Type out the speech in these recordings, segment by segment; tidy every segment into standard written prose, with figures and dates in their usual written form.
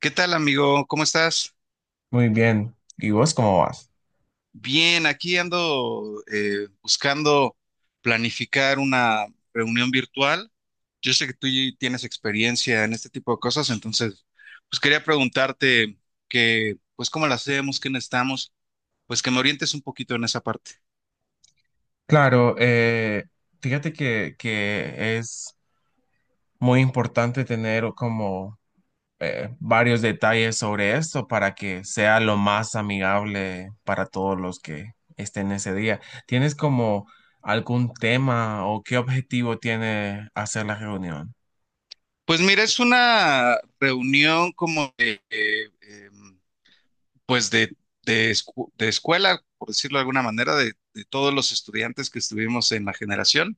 ¿Qué tal, amigo? ¿Cómo estás? Muy bien. ¿Y vos cómo vas? Bien, aquí ando buscando planificar una reunión virtual. Yo sé que tienes experiencia en este tipo de cosas, entonces, pues quería preguntarte que, pues, cómo la hacemos, qué necesitamos, pues que me orientes un poquito en esa parte. Claro, fíjate que es muy importante tener como varios detalles sobre esto para que sea lo más amigable para todos los que estén ese día. ¿Tienes como algún tema o qué objetivo tiene hacer la reunión? Pues mira, es una reunión como de, pues, de escuela, por decirlo de alguna manera, de todos los estudiantes que estuvimos en la generación.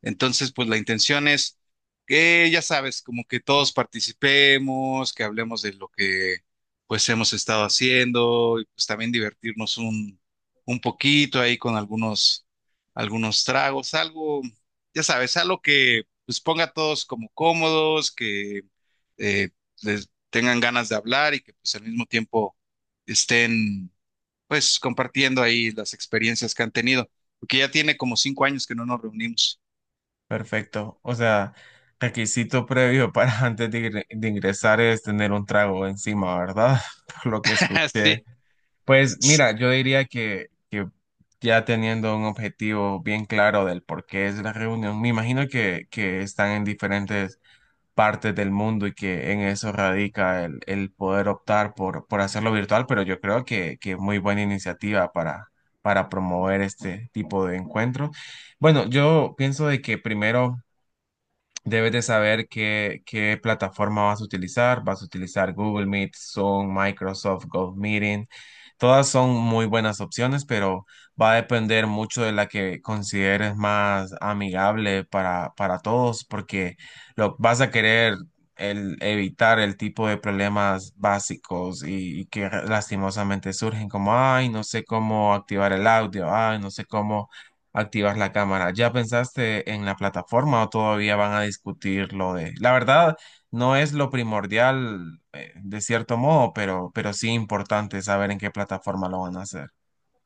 Entonces, pues la intención es que, ya sabes, como que todos participemos, que hablemos de lo que pues hemos estado haciendo y pues también un poquito ahí con algunos tragos, algo, ya sabes, algo que pues ponga a todos como cómodos, que eh, les tengan ganas de hablar y que pues al mismo tiempo estén pues compartiendo ahí las experiencias que han tenido, porque ya tiene como 5 años que no nos reunimos. Perfecto. O sea, requisito previo para antes de ingresar es tener un trago encima, ¿verdad? Por lo que Así escuché. Pues es. mira, yo diría que ya teniendo un objetivo bien claro del por qué es la reunión, me imagino que están en diferentes partes del mundo y que en eso radica el poder optar por hacerlo virtual, pero yo creo que muy buena iniciativa para promover este tipo de encuentros. Bueno, yo pienso de que primero debes de saber qué plataforma vas a utilizar. Vas a utilizar Google Meet, Zoom, Microsoft Meeting. Todas son muy buenas opciones, pero va a depender mucho de la que consideres más amigable para todos, porque vas a querer evitar el tipo de problemas básicos y que lastimosamente surgen, como, ay, no sé cómo activar el audio, ay, no sé cómo activar la cámara. ¿Ya pensaste en la plataforma o todavía van a discutir lo de... La verdad, no es lo primordial, de cierto modo, pero sí importante saber en qué plataforma lo van a hacer.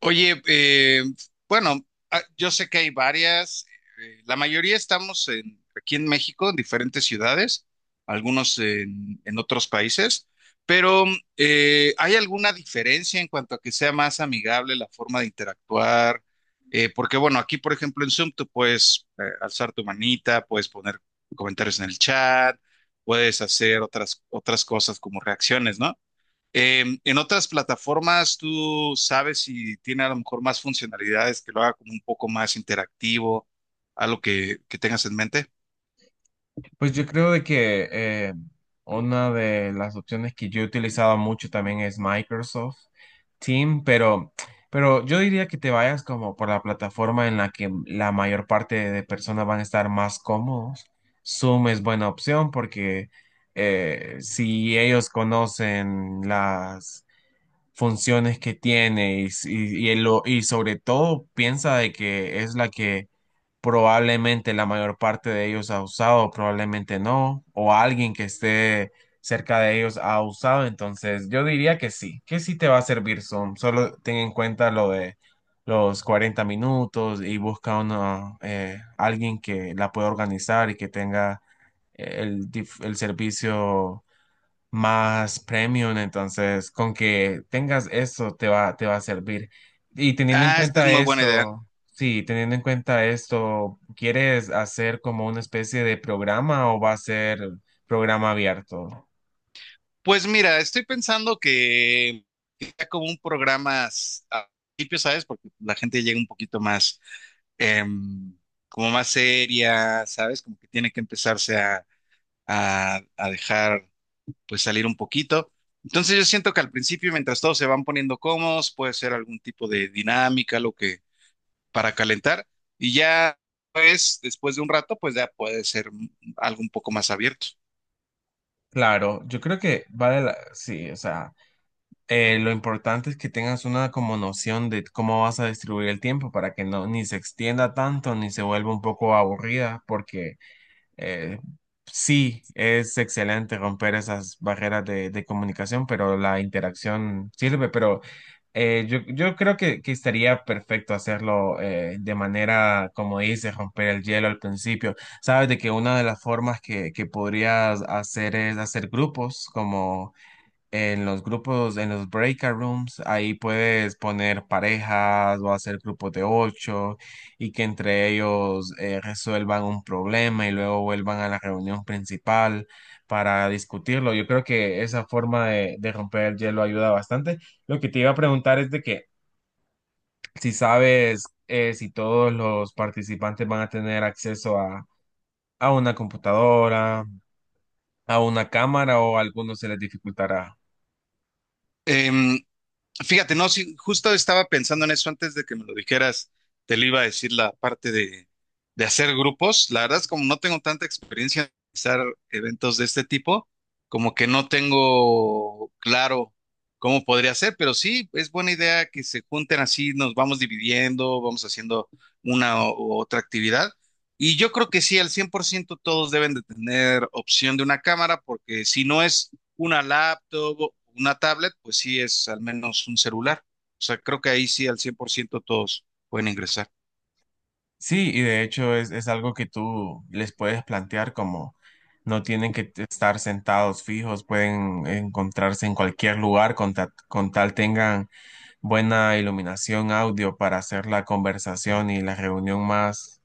Oye, bueno, yo sé que hay varias, la mayoría aquí en México, en diferentes ciudades, algunos en otros países, pero ¿hay alguna diferencia en cuanto a que sea más amigable la forma de interactuar? Porque bueno, aquí por ejemplo en Zoom tú puedes alzar tu manita, puedes poner comentarios en el chat, puedes hacer otras cosas como reacciones, ¿no? En otras plataformas, tú sabes si tiene a lo mejor más funcionalidades que lo haga como un poco más interactivo, algo que tengas en mente. Pues yo creo de que una de las opciones que yo he utilizado mucho también es Microsoft Team, pero yo diría que te vayas como por la plataforma en la que la mayor parte de personas van a estar más cómodos. Zoom es buena opción porque si ellos conocen las funciones que tiene y y sobre todo piensa de que es la que probablemente la mayor parte de ellos ha usado, probablemente no, o alguien que esté cerca de ellos ha usado, entonces yo diría que sí te va a servir Zoom, solo ten en cuenta lo de los 40 minutos y busca una, alguien que la pueda organizar y que tenga el servicio más premium, entonces con que tengas eso te va a servir. Y teniendo en Ah, esta es cuenta muy buena idea. esto, sí, teniendo en cuenta esto, ¿quieres hacer como una especie de programa o va a ser programa abierto? Pues mira, estoy pensando que sea como un programa al principio, ¿sabes? Porque la gente llega un poquito más, em, como más seria, ¿sabes? Como que tiene que empezarse a dejar pues salir un poquito. Entonces yo siento que al principio, mientras todos se van poniendo cómodos, puede ser algún tipo de dinámica, lo que para calentar, y ya pues después de un rato, pues ya puede ser algo un poco más abierto. Claro, yo creo que sí, o sea, lo importante es que tengas una como noción de cómo vas a distribuir el tiempo para que no ni se extienda tanto ni se vuelva un poco aburrida, porque Eh, sí, es excelente romper esas barreras de comunicación, pero la interacción sirve, pero yo creo que estaría perfecto hacerlo de manera, como dices, romper el hielo al principio. Sabes de que una de las formas que podrías hacer es hacer grupos, como en los grupos, en los breakout rooms, ahí puedes poner parejas o hacer grupos de ocho y que entre ellos resuelvan un problema y luego vuelvan a la reunión principal para discutirlo. Yo creo que esa forma de romper el hielo ayuda bastante. Lo que te iba a preguntar es de que si sabes si todos los participantes van a tener acceso a una computadora, a una cámara o a algunos se les dificultará. Em, Fíjate, no, sí, justo estaba pensando en eso antes de que me lo dijeras, te lo iba a decir la parte de hacer grupos. La verdad es como no tengo tanta experiencia en realizar eventos de este tipo, como que no tengo claro cómo podría ser, pero sí, es buena idea que se junten así, nos vamos dividiendo, vamos haciendo una u otra actividad. Y yo creo que sí, al 100% todos deben de tener opción de una cámara, porque si no es una laptop, o una tablet, pues sí es al menos un celular. O sea, creo que ahí sí al 100% todos pueden ingresar. Sí, y de hecho es algo que tú les puedes plantear como no tienen que estar sentados fijos, pueden encontrarse en cualquier lugar con, con tal tengan buena iluminación audio para hacer la conversación y la reunión más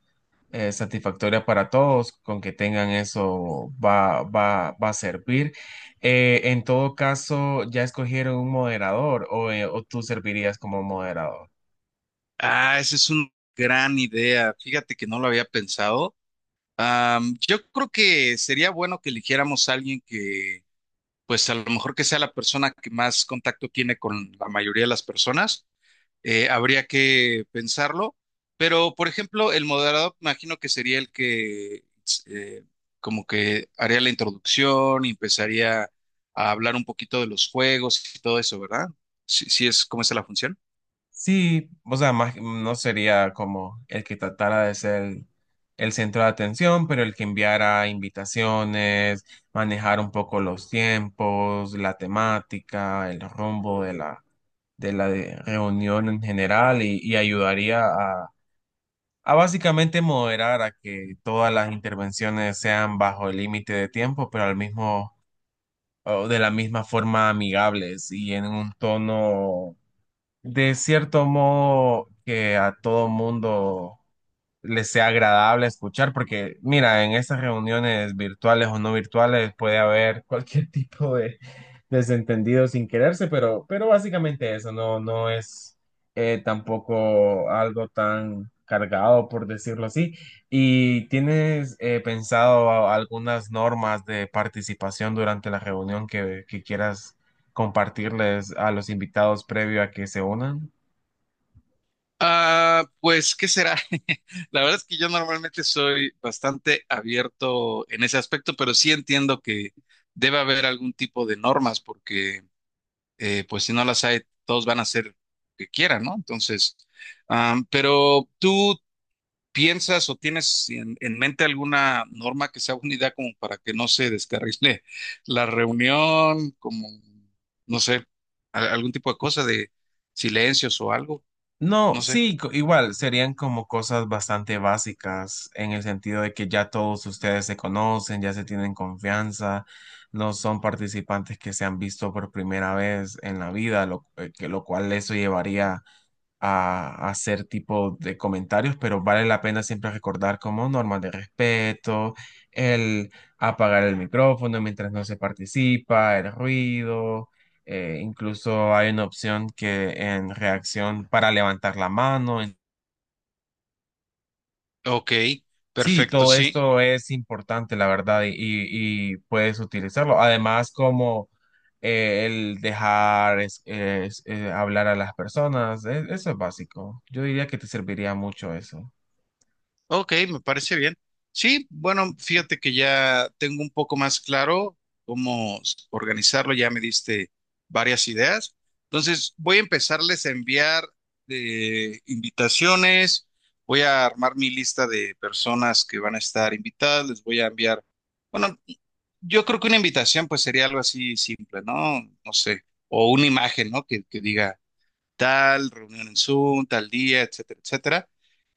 satisfactoria para todos, con que tengan eso va a servir. En todo caso, ¿ya escogieron un moderador o tú servirías como moderador? Ah, esa es una gran idea. Fíjate que no lo había pensado. Yo creo que sería bueno que eligiéramos a alguien que, pues a lo mejor que sea la persona que más contacto tiene con la mayoría de las personas habría que pensarlo. Pero, por ejemplo, el moderador, imagino que sería el que eh, como que haría la introducción y empezaría a hablar un poquito de los juegos y todo eso, ¿verdad? Si, si es como es la función. Sí, o sea, más, no sería como el que tratara de ser el centro de atención, pero el que enviara invitaciones, manejar un poco los tiempos, la temática, el rumbo de la reunión en general y ayudaría a básicamente moderar a que todas las intervenciones sean bajo el límite de tiempo, pero al mismo, o de la misma forma amigables y en un tono de cierto modo que a todo mundo les sea agradable escuchar, porque mira, en estas reuniones virtuales o no virtuales puede haber cualquier tipo de desentendido sin quererse, pero básicamente eso no es tampoco algo tan cargado, por decirlo así. ¿Y tienes pensado algunas normas de participación durante la reunión que quieras compartirles a los invitados previo a que se unan? Ah, pues, ¿qué será? La verdad es que yo normalmente soy bastante abierto en ese aspecto, pero sí entiendo que debe haber algún tipo de normas, porque pues si no las hay, todos van a hacer lo que quieran, ¿no? Entonces, pero ¿tú piensas o tienes en mente alguna norma que sea una idea como para que no se descarrile la reunión, como, no sé, algún tipo de cosa de silencios o algo? No, No sé. sí, igual serían como cosas bastante básicas en el sentido de que ya todos ustedes se conocen, ya se tienen confianza, no son participantes que se han visto por primera vez en la vida, lo cual eso llevaría a hacer tipo de comentarios, pero vale la pena siempre recordar como normas de respeto, el apagar el micrófono mientras no se participa, el ruido, incluso hay una opción que en reacción para levantar la mano. Ok, Sí, perfecto, todo sí. esto es importante, la verdad, y puedes utilizarlo. Además, como el dejar hablar a las personas, eso es básico. Yo diría que te serviría mucho eso. Ok, me parece bien. Sí, bueno, fíjate que ya tengo un poco más claro cómo organizarlo, ya me diste varias ideas. Entonces, voy a empezarles a enviar invitaciones, voy a armar mi lista de personas que van a estar invitadas, les voy a enviar, bueno, yo creo que una invitación pues sería algo así simple, ¿no? No sé, o una imagen, ¿no? Que diga tal reunión en Zoom, tal día, etcétera, etcétera.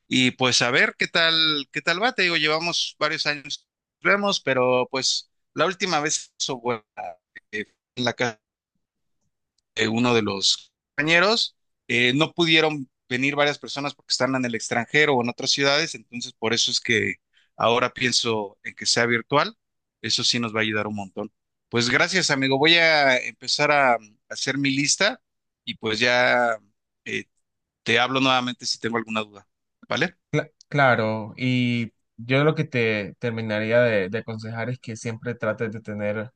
Y pues a ver qué qué tal va. Te digo, llevamos varios años, vemos, pero pues la última vez eso fue eh, en la casa de uno de los compañeros. No pudieron venir varias personas porque están en el extranjero o en otras ciudades, entonces por eso es que ahora pienso en que sea virtual. Eso sí nos va a ayudar un montón. Pues gracias, amigo. Voy a empezar a hacer mi lista y pues ya eh, te hablo nuevamente si tengo alguna duda. ¿Vale? Claro, y yo lo que te terminaría de aconsejar es que siempre trates de tener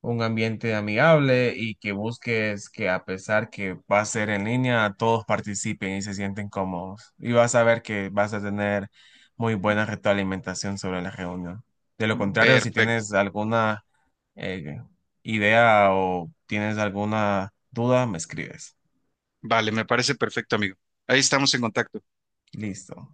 un ambiente amigable y que busques que a pesar que va a ser en línea, todos participen y se sienten cómodos. Y vas a ver que vas a tener muy buena retroalimentación sobre la reunión. De lo contrario, si Perfecto. tienes alguna eh, idea o tienes alguna duda, me escribes. Vale, me parece perfecto, amigo. Ahí estamos en contacto. Listo.